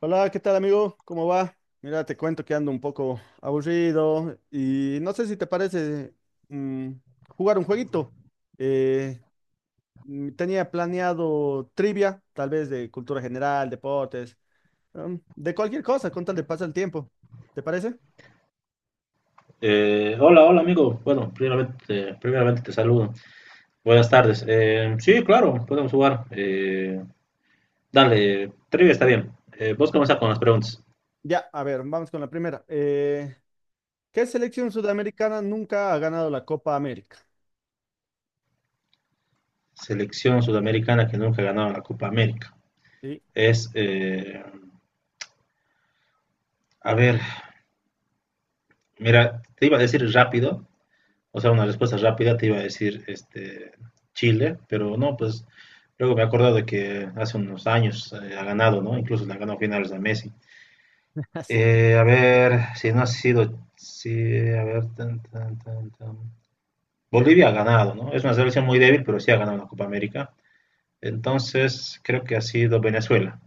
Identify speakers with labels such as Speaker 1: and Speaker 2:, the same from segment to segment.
Speaker 1: Hola, ¿qué tal amigo? ¿Cómo va? Mira, te cuento que ando un poco aburrido y no sé si te parece mm, jugar un jueguito. Eh, Tenía planeado trivia, tal vez de cultura general, deportes, de cualquier cosa, con tal de pasar el tiempo. ¿Te parece?
Speaker 2: Hola, hola amigo. Bueno, primeramente te saludo. Buenas tardes. Sí, claro, podemos jugar. Dale, trivia está bien. Vos comenzás con las preguntas.
Speaker 1: Ya, a ver, vamos con la primera. ¿Qué selección sudamericana nunca ha ganado la Copa América?
Speaker 2: Selección sudamericana que nunca ha ganado la Copa América.
Speaker 1: Sí,
Speaker 2: Es, eh, a ver, mira, te iba a decir rápido, o sea, una respuesta rápida, te iba a decir Chile, pero no, pues luego me he acordado de que hace unos años ha ganado, ¿no? Incluso le ha ganado finales a Messi.
Speaker 1: sí.
Speaker 2: A ver, si no ha sido, si, a ver, tan, tan, tan, tan. Bolivia ha ganado, ¿no? Es una selección muy débil, pero sí ha ganado la Copa América. Entonces, creo que ha sido Venezuela.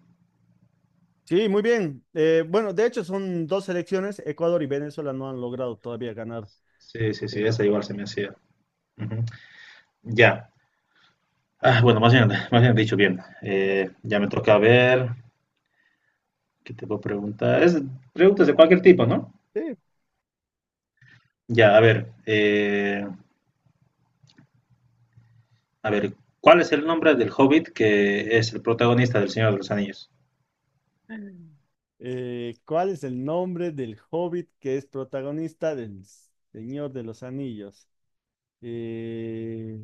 Speaker 1: Sí, muy bien. Bueno, de hecho son dos selecciones. Ecuador y Venezuela no han logrado todavía ganar
Speaker 2: Sí, sí, sí,
Speaker 1: la
Speaker 2: esa
Speaker 1: Copa
Speaker 2: igual se me
Speaker 1: América.
Speaker 2: hacía. Ujú. Ya. Ah, bueno, más bien dicho, bien.
Speaker 1: A ver.
Speaker 2: Ya me toca ver, ¿qué te puedo preguntar? Es preguntas de cualquier tipo, ¿no?
Speaker 1: Sí.
Speaker 2: Ya, a ver, ¿cuál es el nombre del hobbit que es el protagonista del Señor de los Anillos?
Speaker 1: ¿Cuál es el nombre del hobbit que es protagonista del Señor de los Anillos? Eh,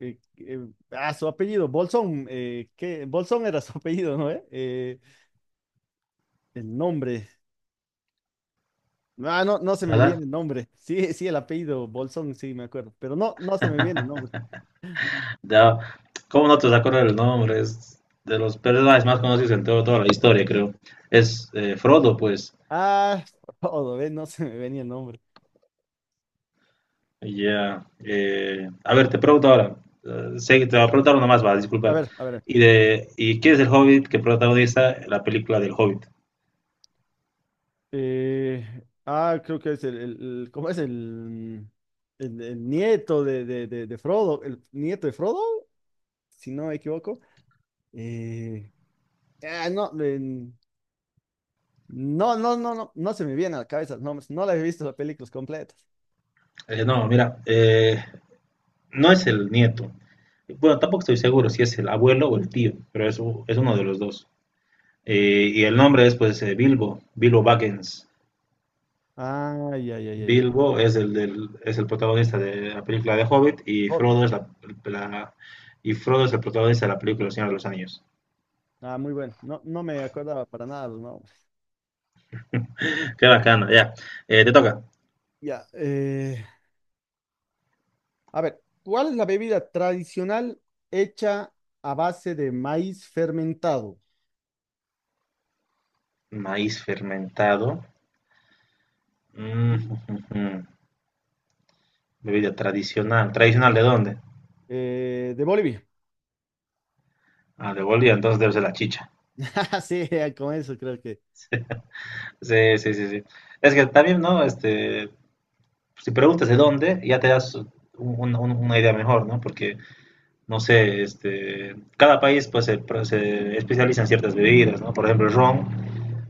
Speaker 1: Su apellido, Bolsón. ¿Qué? Bolsón era su apellido, ¿no? El nombre. Ah, no, no se me
Speaker 2: Nada,
Speaker 1: viene el nombre. Sí, sí, el apellido Bolsón, sí, me acuerdo. Pero no, no se me viene el nombre.
Speaker 2: ya, ¿cómo no te vas a acordar el nombre? Es de los personajes más conocidos en toda la historia, creo. Es Frodo, pues.
Speaker 1: Ah, todo, ¿ves? No se me venía el nombre.
Speaker 2: Ya. A ver, te pregunto ahora. Sé que te va a preguntar uno más, va,
Speaker 1: A
Speaker 2: disculpa.
Speaker 1: ver, a ver.
Speaker 2: ¿Y quién es el Hobbit que protagoniza la película del Hobbit?
Speaker 1: eh, Creo que es ¿cómo es el nieto de Frodo? El nieto de Frodo, si no me equivoco. Eh, no, no, no, no, no, no se me viene a la cabeza. No, no la he visto las películas completas.
Speaker 2: No, mira, no es el nieto. Bueno, tampoco estoy seguro si es el abuelo o el tío, pero es uno de los dos. Y el nombre es, pues, Bilbo, Bilbo Baggins.
Speaker 1: Ay, ay, ay, ay, ay.
Speaker 2: Bilbo es el protagonista de la película de Hobbit,
Speaker 1: El
Speaker 2: y
Speaker 1: Hobbit.
Speaker 2: La- Frodo es el protagonista de la película El Señor de los Anillos.
Speaker 1: Ah, muy bueno. No, no me acordaba para nada los nombres.
Speaker 2: Qué bacana, ya. Te toca.
Speaker 1: Ya. A ver, ¿cuál es la bebida tradicional hecha a base de maíz fermentado?
Speaker 2: Maíz fermentado. Mm.
Speaker 1: Sí.
Speaker 2: Bebida tradicional. ¿Tradicional de dónde?
Speaker 1: De Bolivia.
Speaker 2: Ah, de Bolivia, entonces debe ser la chicha.
Speaker 1: Sí, con eso creo que.
Speaker 2: Sí, sí, sí, sí. Es que también, ¿no? Si preguntas de dónde, ya te das una idea mejor, ¿no? Porque no sé, cada país pues se especializa en ciertas bebidas, ¿no? Por ejemplo, el ron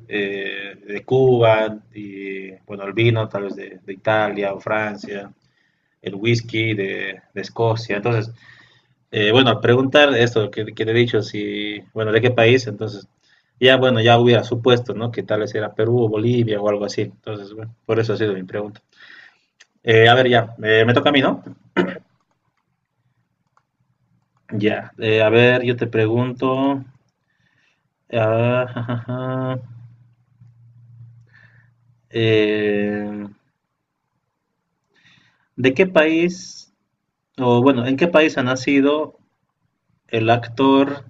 Speaker 2: de Cuba, y bueno, el vino tal vez de, de, Italia o Francia, el whisky de Escocia. Entonces, bueno, al preguntar esto que te he dicho, si, bueno, de qué país, entonces, ya bueno, ya hubiera supuesto, ¿no? Que tal vez era Perú o Bolivia o algo así. Entonces, bueno, por eso ha sido mi pregunta. A ver, ya, me toca a mí, ¿no? Ya, a ver, yo te pregunto. ah, Eh, ¿De qué país, o bueno, en qué país ha nacido el actor,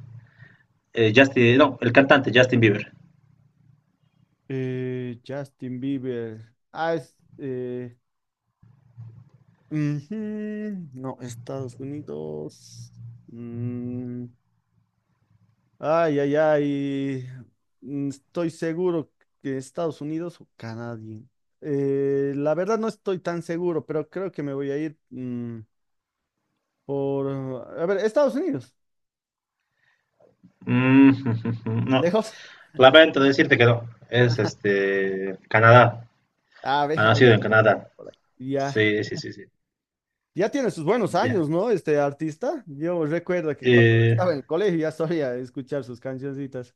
Speaker 2: Justin, no, el cantante Justin Bieber?
Speaker 1: Justin Bieber. Ah, es. Ujú. No, Estados Unidos. Mm, ay, ay, ay. Estoy seguro que Estados Unidos o Canadá. La verdad no estoy tan seguro, pero creo que me voy a ir por. A ver, Estados Unidos.
Speaker 2: Mm, no,
Speaker 1: ¿Lejos?
Speaker 2: lamento decirte que no, es Canadá,
Speaker 1: A
Speaker 2: ha
Speaker 1: ver, algo
Speaker 2: nacido en
Speaker 1: también
Speaker 2: Canadá.
Speaker 1: por ahí. Ya.
Speaker 2: Sí, sí, sí, sí.
Speaker 1: Ya tiene sus buenos
Speaker 2: Ya.
Speaker 1: años, ¿no? Este artista. Yo recuerdo que cuando
Speaker 2: Eh,
Speaker 1: estaba en el colegio ya solía escuchar sus cancioncitas.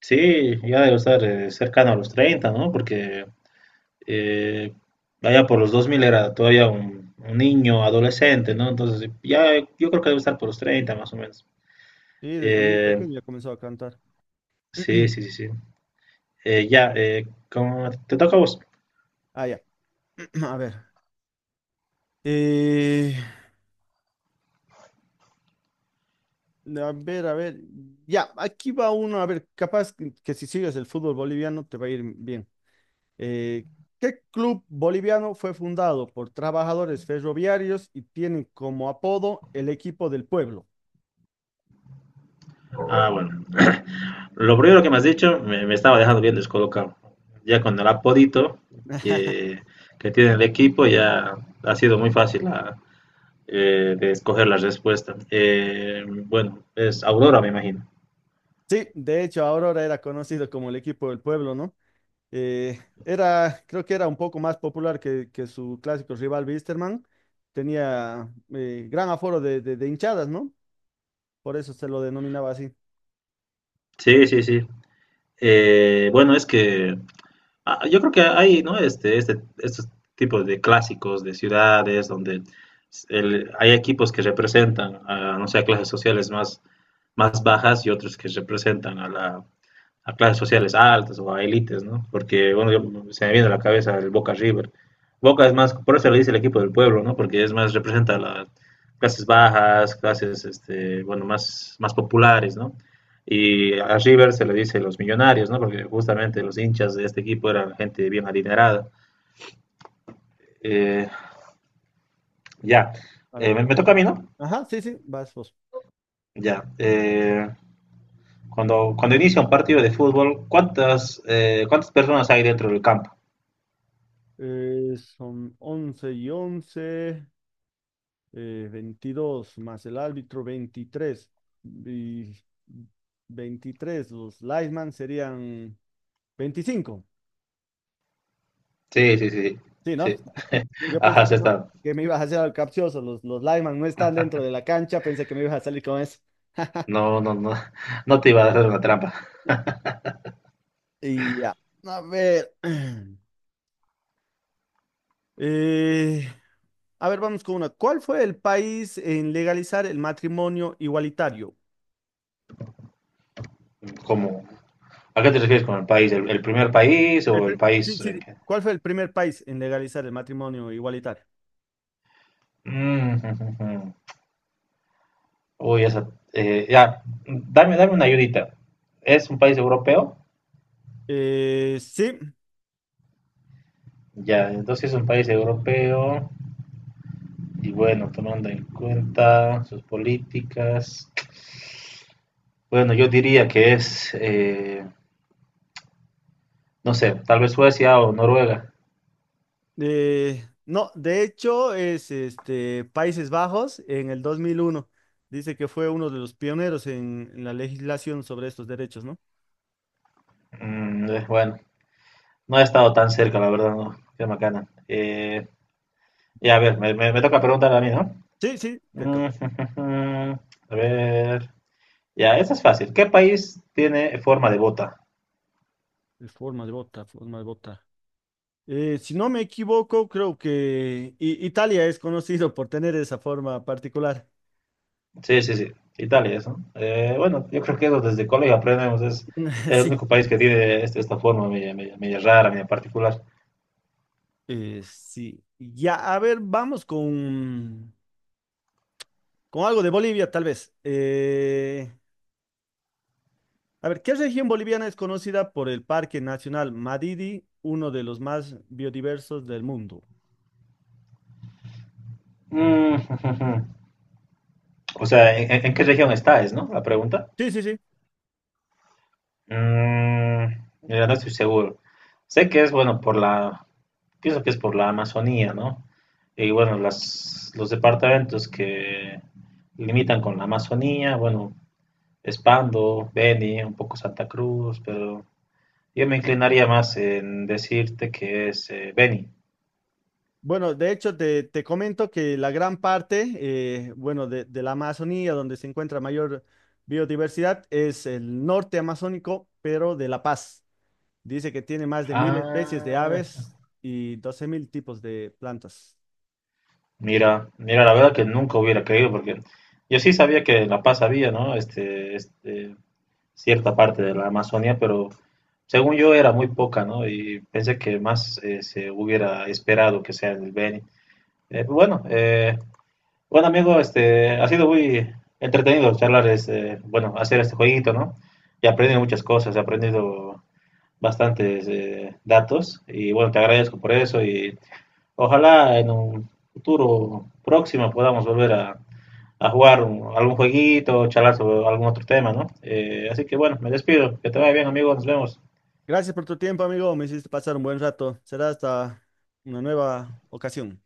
Speaker 2: sí, ya debe estar cercano a los treinta, ¿no? Porque eh, allá por los 2000 era todavía un niño, adolescente, ¿no? Entonces, ya yo creo que debe estar por los 30 más o menos.
Speaker 1: Sí, desde muy
Speaker 2: Eh,
Speaker 1: pequeño ya comenzó a cantar.
Speaker 2: sí, sí, sí, sí. Ya, ¿Cómo te toca a vos?
Speaker 1: Ah, ya. A ver. Eh, a ver, a ver. Ya, aquí va uno. A ver, capaz que si sigues el fútbol boliviano te va a ir bien. Eh, ¿Qué club boliviano fue fundado por trabajadores ferroviarios y tiene como apodo el equipo del pueblo?
Speaker 2: Ah, bueno. Lo primero que me has dicho me estaba dejando bien descolocado. Ya con el apodito que, que tiene el equipo, ya ha sido muy fácil de escoger la respuesta. Bueno, es Aurora, me imagino.
Speaker 1: Sí, de hecho, Aurora era conocido como el equipo del pueblo, ¿no? Creo que era un poco más popular que su clásico rival Wisterman. Tenía gran aforo de hinchadas, ¿no? Por eso se lo denominaba así.
Speaker 2: Sí, sí, sí.
Speaker 1: Mm.
Speaker 2: Bueno, es que ah, yo creo que hay, ¿no? Estos tipos de clásicos de ciudades donde hay equipos que representan a, no sé, a clases sociales más bajas y otros que representan a clases sociales altas o a élites, ¿no? Porque, bueno, se me viene a la cabeza el Boca River. Boca es más, por eso le dice el equipo del pueblo, ¿no? Porque es más, representa las clases bajas, clases, bueno, más populares, ¿no? Y a River se le dice los millonarios, ¿no? Porque justamente los hinchas de este equipo eran gente bien adinerada. Eh, ya,
Speaker 1: A ver.
Speaker 2: Me toca a mí, ¿no?
Speaker 1: Ajá, sí, sí, vas vos.
Speaker 2: Ya. Cuando inicia un partido de fútbol, ¿cuántas personas hay dentro del campo?
Speaker 1: Son 11 y 11 22 más el árbitro, 23. Y 23 los linesmen serían 25.
Speaker 2: Sí, sí, sí,
Speaker 1: Sí, ¿no?
Speaker 2: sí.
Speaker 1: Yo pensé
Speaker 2: Ajá, sí
Speaker 1: que no,
Speaker 2: está.
Speaker 1: que me ibas a hacer al capcioso. Los linemen no están dentro de la cancha. Pensé que me ibas a salir con eso.
Speaker 2: No, no, no, no te iba a hacer una trampa.
Speaker 1: Y ya. A ver. eh, a ver, vamos con una. ¿Cuál fue el país en legalizar el matrimonio igualitario?
Speaker 2: Como ¿A qué te refieres con el país? ¿El primer país o el
Speaker 1: Sí,
Speaker 2: país
Speaker 1: sí,
Speaker 2: en
Speaker 1: sí.
Speaker 2: que...
Speaker 1: ¿Cuál fue el primer país en legalizar el matrimonio igualitario?
Speaker 2: Mm. Uy, esa, ya, dame una ayudita. ¿Es un país europeo?
Speaker 1: Sí.
Speaker 2: Ya, entonces es un país europeo y bueno, tomando en cuenta sus políticas. Bueno, yo diría que es, no sé, tal vez Suecia o Noruega.
Speaker 1: No, de hecho es este, Países Bajos en el 2001. Dice que fue uno de los pioneros en la legislación sobre estos derechos, ¿no?
Speaker 2: Bueno. No he estado tan cerca, la verdad, no. Qué macana. Ya, a ver, me toca preguntar a mí, ¿no?
Speaker 1: Sí, sí, te toca.
Speaker 2: Mm. A ver. Ya, esa es fácil. ¿Qué país tiene forma de bota?
Speaker 1: Es forma de bota, forma de bota. Si no me equivoco, creo que Italia es conocido por tener esa forma particular.
Speaker 2: Sí, sí, sí. Italia, eso. Bueno, yo creo que eso desde colegio aprendemos. Es el
Speaker 1: Sí.
Speaker 2: único país que tiene esta forma media rara, media particular.
Speaker 1: Sí. Ya, a ver, vamos con algo de Bolivia, tal vez. A ver, ¿qué región boliviana es conocida por el Parque Nacional Madidi, uno de los más biodiversos del mundo?
Speaker 2: Mm. O sea, ¿en qué región está, es, no? La pregunta.
Speaker 1: Sí, sí, sí.
Speaker 2: Mm, mira, no estoy seguro. Sé que es, bueno, por la, pienso que es por la Amazonía, ¿no? Y bueno, los departamentos que limitan con la Amazonía, bueno, Espando, Beni, un poco Santa Cruz, pero yo me inclinaría más en decirte que es, Beni.
Speaker 1: Bueno, de hecho, te comento que la gran parte, bueno, de la Amazonía, donde se encuentra mayor biodiversidad, es el norte amazónico, pero de La Paz. Dice que tiene más de 1000 especies de
Speaker 2: Ah,
Speaker 1: aves y 12.000 tipos de plantas.
Speaker 2: mira, mira, la verdad que nunca hubiera creído, porque yo sí sabía que en La Paz había, ¿no? Cierta parte de la Amazonia, pero según yo era muy poca, ¿no? Y pensé que más, se hubiera esperado que sea en el Beni. Pues bueno, bueno amigo, ha sido muy entretenido charlar, bueno, hacer este jueguito, ¿no? Y aprendí muchas cosas, he aprendido bastantes, datos, y bueno, te agradezco por eso, y ojalá en un futuro próximo podamos volver a jugar algún jueguito, charlar sobre algún otro tema, ¿no? Así que bueno, me despido. Que te vaya bien, amigos. Nos vemos.
Speaker 1: Gracias por tu tiempo, amigo. Me hiciste pasar un buen rato. Será hasta una nueva ocasión.